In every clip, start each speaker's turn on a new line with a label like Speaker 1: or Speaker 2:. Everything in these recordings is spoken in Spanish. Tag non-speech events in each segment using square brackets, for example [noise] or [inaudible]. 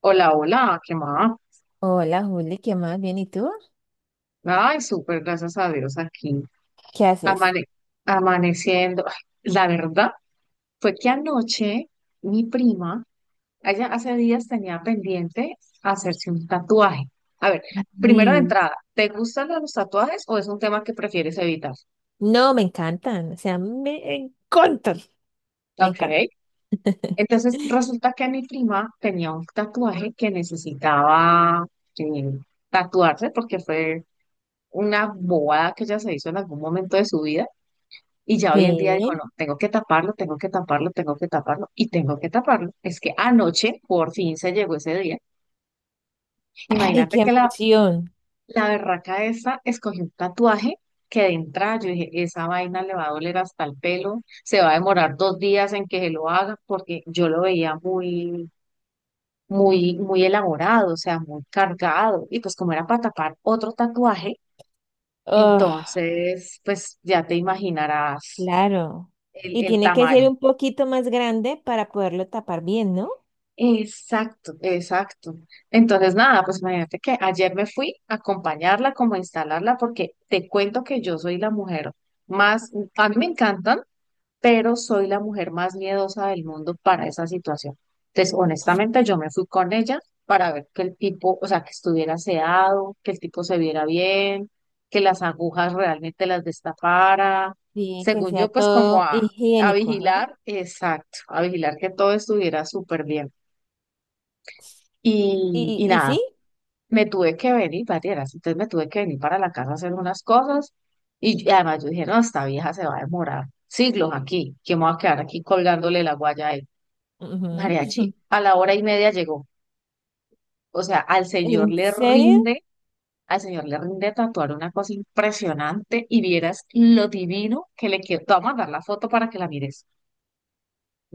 Speaker 1: Hola, hola, ¿qué más?
Speaker 2: Hola, Juli, ¿qué más? Bien, ¿y tú?
Speaker 1: Ay, súper, gracias a Dios aquí.
Speaker 2: ¿Qué haces?
Speaker 1: Amane- Amaneciendo. Ay, la verdad fue que anoche mi prima, ella hace días tenía pendiente hacerse un tatuaje. A ver, primero de
Speaker 2: Y
Speaker 1: entrada, ¿te gustan los tatuajes o es un tema que prefieres evitar?
Speaker 2: No, me encantan, o sea, me
Speaker 1: Ok.
Speaker 2: encantan. [laughs]
Speaker 1: Entonces resulta que mi prima tenía un tatuaje que necesitaba eh, tatuarse porque fue una bobada que ella se hizo en algún momento de su vida. Y ya hoy en día digo, no,
Speaker 2: Sí,
Speaker 1: tengo que taparlo, tengo que taparlo, tengo que taparlo y tengo que taparlo. Es que anoche por fin se llegó ese día.
Speaker 2: ay,
Speaker 1: Imagínate
Speaker 2: qué
Speaker 1: que la,
Speaker 2: emoción.
Speaker 1: la berraca esa escogió un tatuaje que de entrada yo dije, esa vaina le va a doler hasta el pelo, se va a demorar 2 días en que se lo haga, porque yo lo veía muy, muy, muy elaborado, o sea, muy cargado. Y pues como era para tapar otro tatuaje,
Speaker 2: Oh,
Speaker 1: entonces, pues ya te imaginarás
Speaker 2: claro.
Speaker 1: el,
Speaker 2: Y
Speaker 1: el
Speaker 2: tiene que
Speaker 1: tamaño.
Speaker 2: ser un poquito más grande para poderlo tapar bien, ¿no?
Speaker 1: Exacto, exacto. Entonces, nada, pues imagínate que ayer me fui a acompañarla, como a instalarla, porque te cuento que yo soy la mujer más, a mí me encantan, pero soy la mujer más miedosa del mundo para esa situación. Entonces, honestamente, yo me fui con ella para ver que el tipo, o sea, que estuviera sedado, que el tipo se viera bien, que las agujas realmente las destapara.
Speaker 2: Sí, que
Speaker 1: Según
Speaker 2: sea
Speaker 1: yo, pues como
Speaker 2: todo
Speaker 1: a
Speaker 2: higiénico, ajá.
Speaker 1: vigilar, exacto, a vigilar que todo estuviera súper bien. Y, y
Speaker 2: Y
Speaker 1: nada,
Speaker 2: sí?
Speaker 1: me tuve que venir, varias, entonces me tuve que venir para la casa a hacer unas cosas y además yo dije, no, esta vieja se va a demorar siglos aquí, que me voy a quedar aquí colgándole la guaya a él. Mariachi,
Speaker 2: Ujú. [laughs]
Speaker 1: a la hora y media llegó, o sea, al señor
Speaker 2: ¿En
Speaker 1: le
Speaker 2: serio?
Speaker 1: rinde, al señor le rinde tatuar una cosa impresionante, y vieras lo divino que le quiero. Te voy a mandar la foto para que la mires,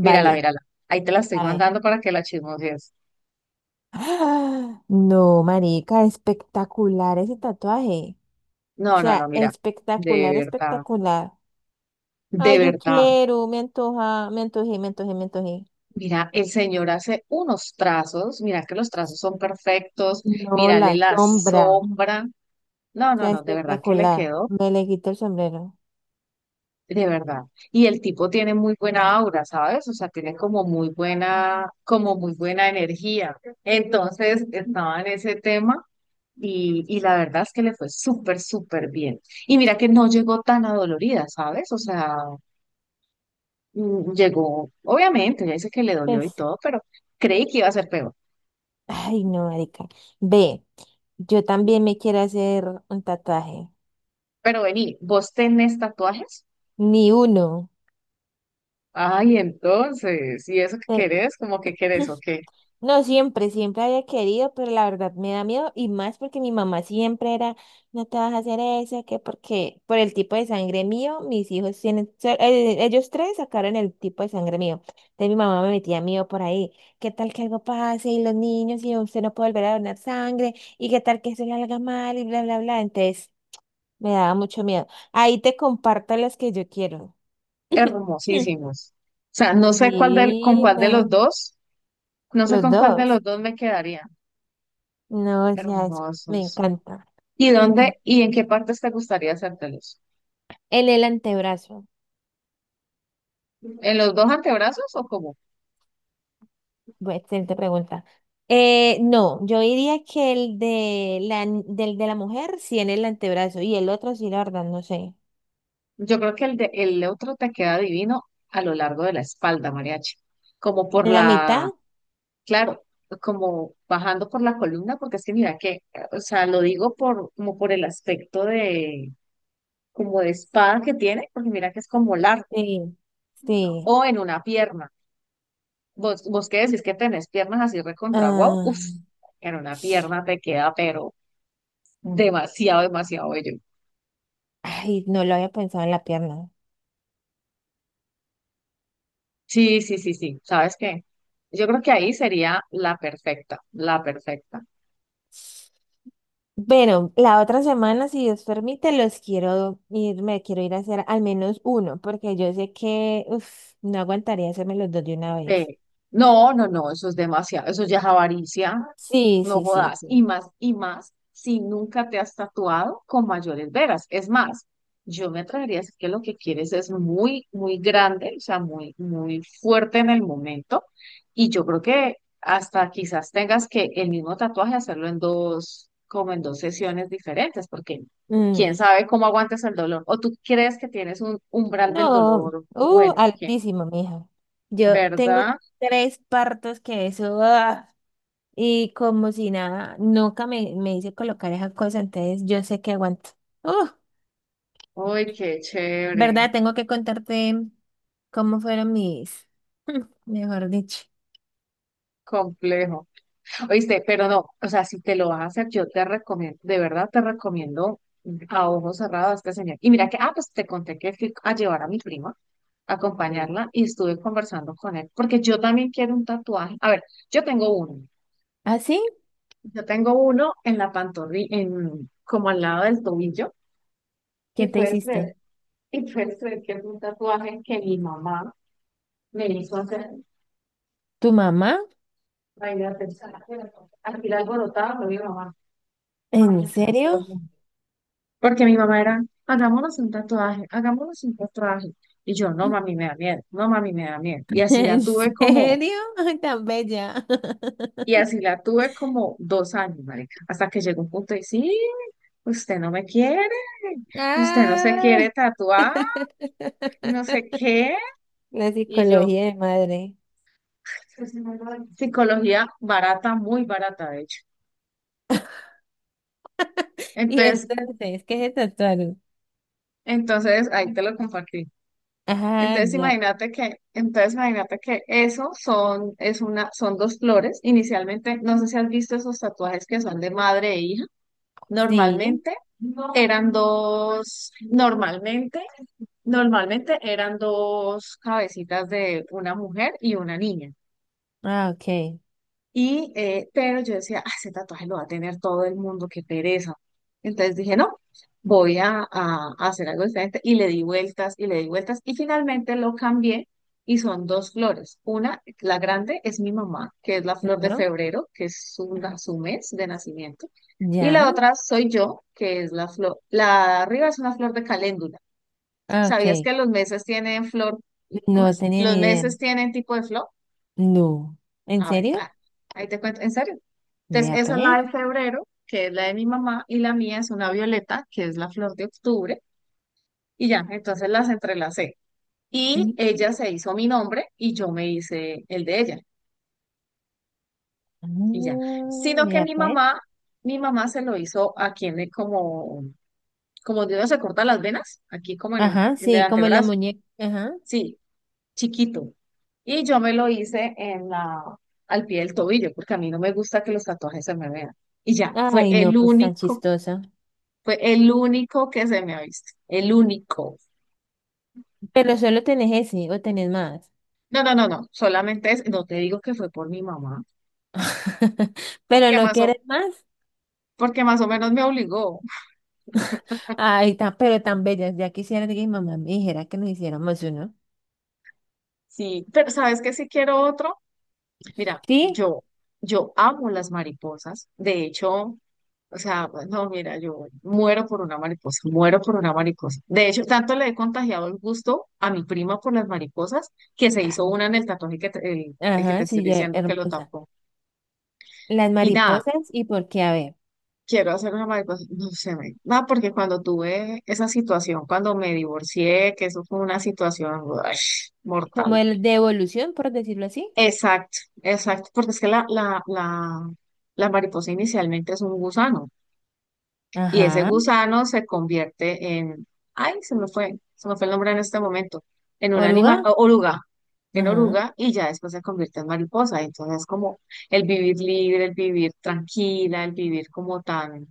Speaker 1: mírala,
Speaker 2: Vale,
Speaker 1: mírala, ahí te la estoy
Speaker 2: a ver. [gasps]
Speaker 1: mandando para que la chismosees.
Speaker 2: ¡Ah! No, marica, espectacular ese tatuaje. O
Speaker 1: No, no, no,
Speaker 2: sea,
Speaker 1: mira, de
Speaker 2: espectacular,
Speaker 1: verdad.
Speaker 2: espectacular.
Speaker 1: De
Speaker 2: Ay, yo
Speaker 1: verdad,
Speaker 2: quiero, me antoja, me antojé.
Speaker 1: mira, el señor hace unos trazos, mira que los trazos son perfectos,
Speaker 2: No, la
Speaker 1: mírale la
Speaker 2: sombra. O
Speaker 1: sombra. No, no,
Speaker 2: sea,
Speaker 1: no, de verdad que le
Speaker 2: espectacular.
Speaker 1: quedó,
Speaker 2: Me le quito el sombrero.
Speaker 1: de verdad. Y el tipo tiene muy buena aura, ¿sabes? O sea, tiene como muy buena energía. Entonces, estaba en ese tema y la verdad es que le fue súper, súper bien. Y mira que no llegó tan adolorida, ¿sabes? O sea, llegó, obviamente, ya dice que le dolió y
Speaker 2: Pues,
Speaker 1: todo, pero creí que iba a ser peor.
Speaker 2: ay, no, marica. Ve, yo también me quiero hacer un tatuaje.
Speaker 1: Pero vení, ¿vos tenés tatuajes?
Speaker 2: Ni uno.
Speaker 1: Ay, entonces, ¿y eso que
Speaker 2: Eh,
Speaker 1: querés? ¿Cómo que querés o qué?
Speaker 2: No, siempre había querido, pero la verdad me da miedo y más porque mi mamá siempre era, no te vas a hacer eso, que porque por el tipo de sangre mío, mis hijos tienen, ellos tres sacaron el tipo de sangre mío. Entonces mi mamá me metía miedo por ahí, ¿qué tal que algo pase y los niños y usted no puede volver a donar sangre y qué tal que se le haga mal y bla, bla, bla? Entonces me daba mucho miedo. Ahí te comparto las que yo quiero. [laughs]
Speaker 1: Hermosísimos. O sea, no sé cuál del- con cuál de
Speaker 2: Divino.
Speaker 1: los dos, no sé
Speaker 2: Los
Speaker 1: con cuál de
Speaker 2: dos.
Speaker 1: los dos me quedaría.
Speaker 2: No, o sea, me
Speaker 1: Hermosos.
Speaker 2: encanta.
Speaker 1: ¿Y dónde y en qué partes te gustaría hacértelos?
Speaker 2: En el antebrazo.
Speaker 1: ¿En los dos antebrazos o cómo?
Speaker 2: Bueno, excelente pregunta. No, yo diría que el del de la mujer sí en el antebrazo y el otro sí, la verdad, no sé.
Speaker 1: Yo creo que el de, el otro te queda divino a lo largo de la espalda, mariachi. Como por
Speaker 2: ¿En la mitad?
Speaker 1: la, claro, como bajando por la columna, porque es que mira que, o sea, lo digo por, como por el aspecto de, como de espada que tiene, porque mira que es como largo,
Speaker 2: Sí, sí.
Speaker 1: o en una pierna. Vos, vos qué decís que tenés piernas así recontra guau,
Speaker 2: Ah,
Speaker 1: uff, en una pierna te queda, pero demasiado, demasiado bello.
Speaker 2: ay, no lo había pensado en la pierna.
Speaker 1: Sí, sí, sí, sí, ¿sabes qué? Yo creo que ahí sería la perfecta, la perfecta.
Speaker 2: Bueno, la otra semana, si Dios permite, me quiero ir a hacer al menos uno, porque yo sé que uf, no aguantaría hacerme los dos de una vez.
Speaker 1: Ve, no, no, no, eso es demasiado, eso ya es avaricia,
Speaker 2: Sí,
Speaker 1: no
Speaker 2: sí, sí,
Speaker 1: jodas,
Speaker 2: sí.
Speaker 1: y más, si nunca te has tatuado con mayores veras, es más, yo me atrevería a decir que lo que quieres es muy, muy grande, o sea, muy, muy fuerte en el momento, y yo creo que hasta quizás tengas que el mismo tatuaje hacerlo en dos, como en dos sesiones diferentes, porque
Speaker 2: Mm.
Speaker 1: quién sabe cómo aguantes el dolor, o tú crees que tienes un umbral del
Speaker 2: No,
Speaker 1: dolor. Bueno, ¿quién?
Speaker 2: altísimo, mija. Yo tengo
Speaker 1: ¿Verdad?
Speaker 2: tres partos que eso, ah, y como si nada, nunca me, me hice colocar esa cosa, entonces yo sé que aguanto. Uh,
Speaker 1: Uy, qué chévere,
Speaker 2: ¿Verdad? Tengo que contarte cómo fueron mis, [laughs] mejor dicho.
Speaker 1: complejo. Oíste, pero no, o sea, si te lo vas a hacer, yo te recomiendo, de verdad te recomiendo a ojos cerrados a este señor. Y mira que, ah, pues te conté que fui a llevar a mi prima, a
Speaker 2: Sí.
Speaker 1: acompañarla, y estuve conversando con él, porque yo también quiero un tatuaje. A ver, yo tengo uno,
Speaker 2: ¿Así?
Speaker 1: yo tengo uno en la pantorrilla, en, como al lado del tobillo, y
Speaker 2: ¿Qué te
Speaker 1: puedes
Speaker 2: hiciste?
Speaker 1: ver, y puedes ver que es un tatuaje que mi mamá me hizo hacer.
Speaker 2: ¿Tu mamá?
Speaker 1: Imagínate, al final alborotada, fue mi mamá.
Speaker 2: ¿En serio?
Speaker 1: Porque mi mamá era, hagámonos un tatuaje, hagámonos un tatuaje. Y yo, no, mami,
Speaker 2: [laughs]
Speaker 1: me da miedo, no, mami, me da miedo. Y así
Speaker 2: ¿En
Speaker 1: la tuve como,
Speaker 2: serio? Ay, tan bella. [laughs]
Speaker 1: y así la tuve como 2 años, marica, hasta que llegó un punto y, sí, usted no me quiere, usted no se
Speaker 2: Ah,
Speaker 1: quiere tatuar, y no sé
Speaker 2: [laughs]
Speaker 1: qué.
Speaker 2: la
Speaker 1: Y yo,
Speaker 2: psicología de madre.
Speaker 1: psicología barata, muy barata, de hecho.
Speaker 2: Y
Speaker 1: Entonces,
Speaker 2: entonces, ¿qué se tatuaron?
Speaker 1: ahí te lo compartí.
Speaker 2: Ah, ya.
Speaker 1: Entonces imagínate que eso son, es una, son dos flores. Inicialmente, no sé si has visto esos tatuajes que son de madre e hija.
Speaker 2: Sí.
Speaker 1: Normalmente eran dos, normalmente eran dos cabecitas de una mujer y una niña.
Speaker 2: Ah, ok.
Speaker 1: Y, pero yo decía, ah, ese tatuaje lo va a tener todo el mundo, qué pereza. Entonces dije, no, voy a hacer algo diferente. Y le di vueltas y le di vueltas. Y finalmente lo cambié y son dos flores. Una, la grande, es mi mamá, que es la flor de
Speaker 2: Claro.
Speaker 1: febrero, que es su,
Speaker 2: Ajá.
Speaker 1: su mes de nacimiento. Y la
Speaker 2: Ya.
Speaker 1: otra soy yo, que es la flor. La de arriba es una flor de caléndula.
Speaker 2: Ah, ok.
Speaker 1: ¿Sabías que los meses tienen flor? ¿Cómo
Speaker 2: No
Speaker 1: es?
Speaker 2: tenía
Speaker 1: ¿Los
Speaker 2: ni idea.
Speaker 1: meses tienen tipo de flor?
Speaker 2: No. ¿En
Speaker 1: A ver,
Speaker 2: serio?
Speaker 1: ah, ahí te cuento. ¿En serio? Entonces,
Speaker 2: Mira,
Speaker 1: esa es
Speaker 2: pues.
Speaker 1: la de febrero, que es la de mi mamá, y la mía es una violeta, que es la flor de octubre, y ya, entonces las entrelacé. Y
Speaker 2: Ujú.
Speaker 1: ella se hizo mi nombre y yo me hice el de ella,
Speaker 2: Ah,
Speaker 1: y ya. Sino que
Speaker 2: mira, pues.
Speaker 1: mi mamá se lo hizo aquí en el- como, como donde uno se corta las venas, aquí como en,
Speaker 2: Ajá,
Speaker 1: el
Speaker 2: sí, como en la
Speaker 1: antebrazo,
Speaker 2: muñeca, ajá.
Speaker 1: sí, chiquito. Y yo me lo hice en la, al pie del tobillo, porque a mí no me gusta que los tatuajes se me vean. Y ya, fue
Speaker 2: Ay,
Speaker 1: el
Speaker 2: no, pues tan
Speaker 1: único.
Speaker 2: chistosa.
Speaker 1: Fue el único que se me ha visto, el único.
Speaker 2: Pero solo tenés ese, o tenés más.
Speaker 1: No, no, no, no, solamente es, no te digo que fue por mi mamá,
Speaker 2: [laughs] Pero
Speaker 1: porque
Speaker 2: no
Speaker 1: más
Speaker 2: quieres
Speaker 1: o,
Speaker 2: más.
Speaker 1: porque más o menos me obligó.
Speaker 2: Ay, tan, pero tan bellas. Ya quisiera que mi mamá me dijera que nos hiciéramos uno.
Speaker 1: Sí. Pero ¿sabes qué? Si quiero otro, mira,
Speaker 2: ¿Sí?
Speaker 1: yo amo las mariposas. De hecho, o sea, no, mira, yo muero por una mariposa, muero por una mariposa. De hecho, tanto le he contagiado el gusto a mi prima por las mariposas, que se hizo una en el tatuaje que el que te
Speaker 2: Ajá,
Speaker 1: estoy
Speaker 2: sí, ya,
Speaker 1: diciendo que lo
Speaker 2: hermosa.
Speaker 1: tapó.
Speaker 2: Las
Speaker 1: Y nada,
Speaker 2: mariposas y por qué, a ver,
Speaker 1: quiero hacer una mariposa, no sé, no, porque cuando tuve esa situación, cuando me divorcié, que eso fue una situación uah,
Speaker 2: como
Speaker 1: mortal.
Speaker 2: el de evolución, por decirlo así.
Speaker 1: Exacto, exacto, porque es que la mariposa inicialmente es un gusano, y ese
Speaker 2: Ajá.
Speaker 1: gusano se convierte en, ay, se me fue el nombre en este momento, en un animal,
Speaker 2: Oruga.
Speaker 1: oruga, en
Speaker 2: Ajá.
Speaker 1: oruga, y ya después se convierte en mariposa. Entonces es como el vivir libre, el vivir tranquila, el vivir como tan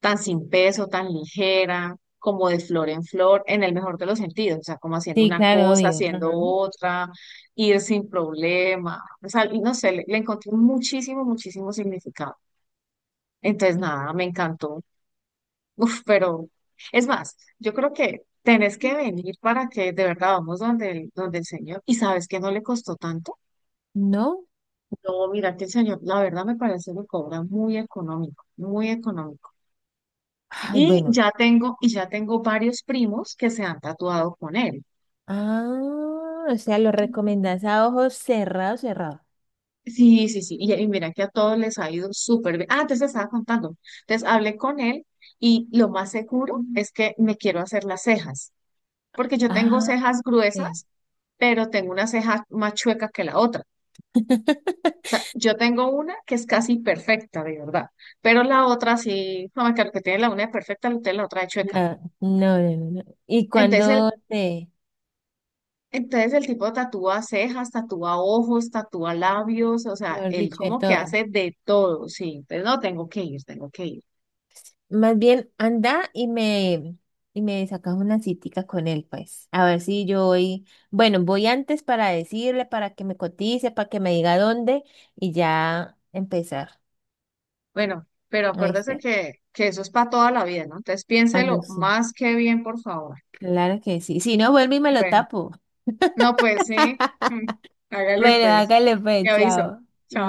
Speaker 1: tan sin peso, tan ligera, como de flor en flor, en el mejor de los sentidos, o sea, como haciendo
Speaker 2: Sí,
Speaker 1: una
Speaker 2: claro,
Speaker 1: cosa,
Speaker 2: obvio,
Speaker 1: haciendo
Speaker 2: ajá.
Speaker 1: otra, ir sin problema, o sea, y no sé, le encontré muchísimo, muchísimo significado. Entonces, nada, me encantó. Uf, pero es más, yo creo que tenés que venir para que de verdad vamos donde el señor, y sabes que no le costó tanto.
Speaker 2: No.
Speaker 1: No, mira que el señor, la verdad me parece que cobra muy económico, muy económico.
Speaker 2: Ay, bueno.
Speaker 1: Y ya tengo varios primos que se han tatuado con él.
Speaker 2: Ah, o sea, lo recomendás a ojos cerrados, cerrados.
Speaker 1: Sí, sí, sí. Y mira que a todos les ha ido súper bien. Ah, entonces te estaba contando. Entonces hablé con él, y lo más seguro es que me quiero hacer las cejas, porque yo tengo
Speaker 2: Ah,
Speaker 1: cejas
Speaker 2: ok.
Speaker 1: gruesas, pero tengo una ceja más chueca que la otra. O sea,
Speaker 2: [laughs]
Speaker 1: yo tengo una que es casi perfecta, de verdad, pero la otra sí, no me acuerdo que tiene la una de perfecta, la otra de chueca.
Speaker 2: No, no, no, no, no. ¿Y
Speaker 1: Entonces,
Speaker 2: cuando te,
Speaker 1: El tipo tatúa cejas, tatúa ojos, tatúa labios, o sea,
Speaker 2: mejor
Speaker 1: él
Speaker 2: dicho, de
Speaker 1: como que
Speaker 2: todo?
Speaker 1: hace de todo, sí. Entonces no, tengo que ir, tengo que ir.
Speaker 2: Más bien, y me sacas una citica con él, pues. A ver si yo voy. Bueno, voy antes para decirle, para que me cotice, para que me diga dónde y ya empezar.
Speaker 1: Bueno, pero acuérdese
Speaker 2: ¿Oíste?
Speaker 1: que eso es para toda la vida, ¿no? Entonces
Speaker 2: Ah, no,
Speaker 1: piénselo
Speaker 2: sí.
Speaker 1: más que bien, por favor.
Speaker 2: Claro que sí. Si no, vuelvo y me lo
Speaker 1: Bueno,
Speaker 2: tapo. [laughs]
Speaker 1: no, pues sí, mm, hágale
Speaker 2: Bueno,
Speaker 1: pues,
Speaker 2: hágale
Speaker 1: te
Speaker 2: pues,
Speaker 1: aviso.
Speaker 2: chao.
Speaker 1: Chao.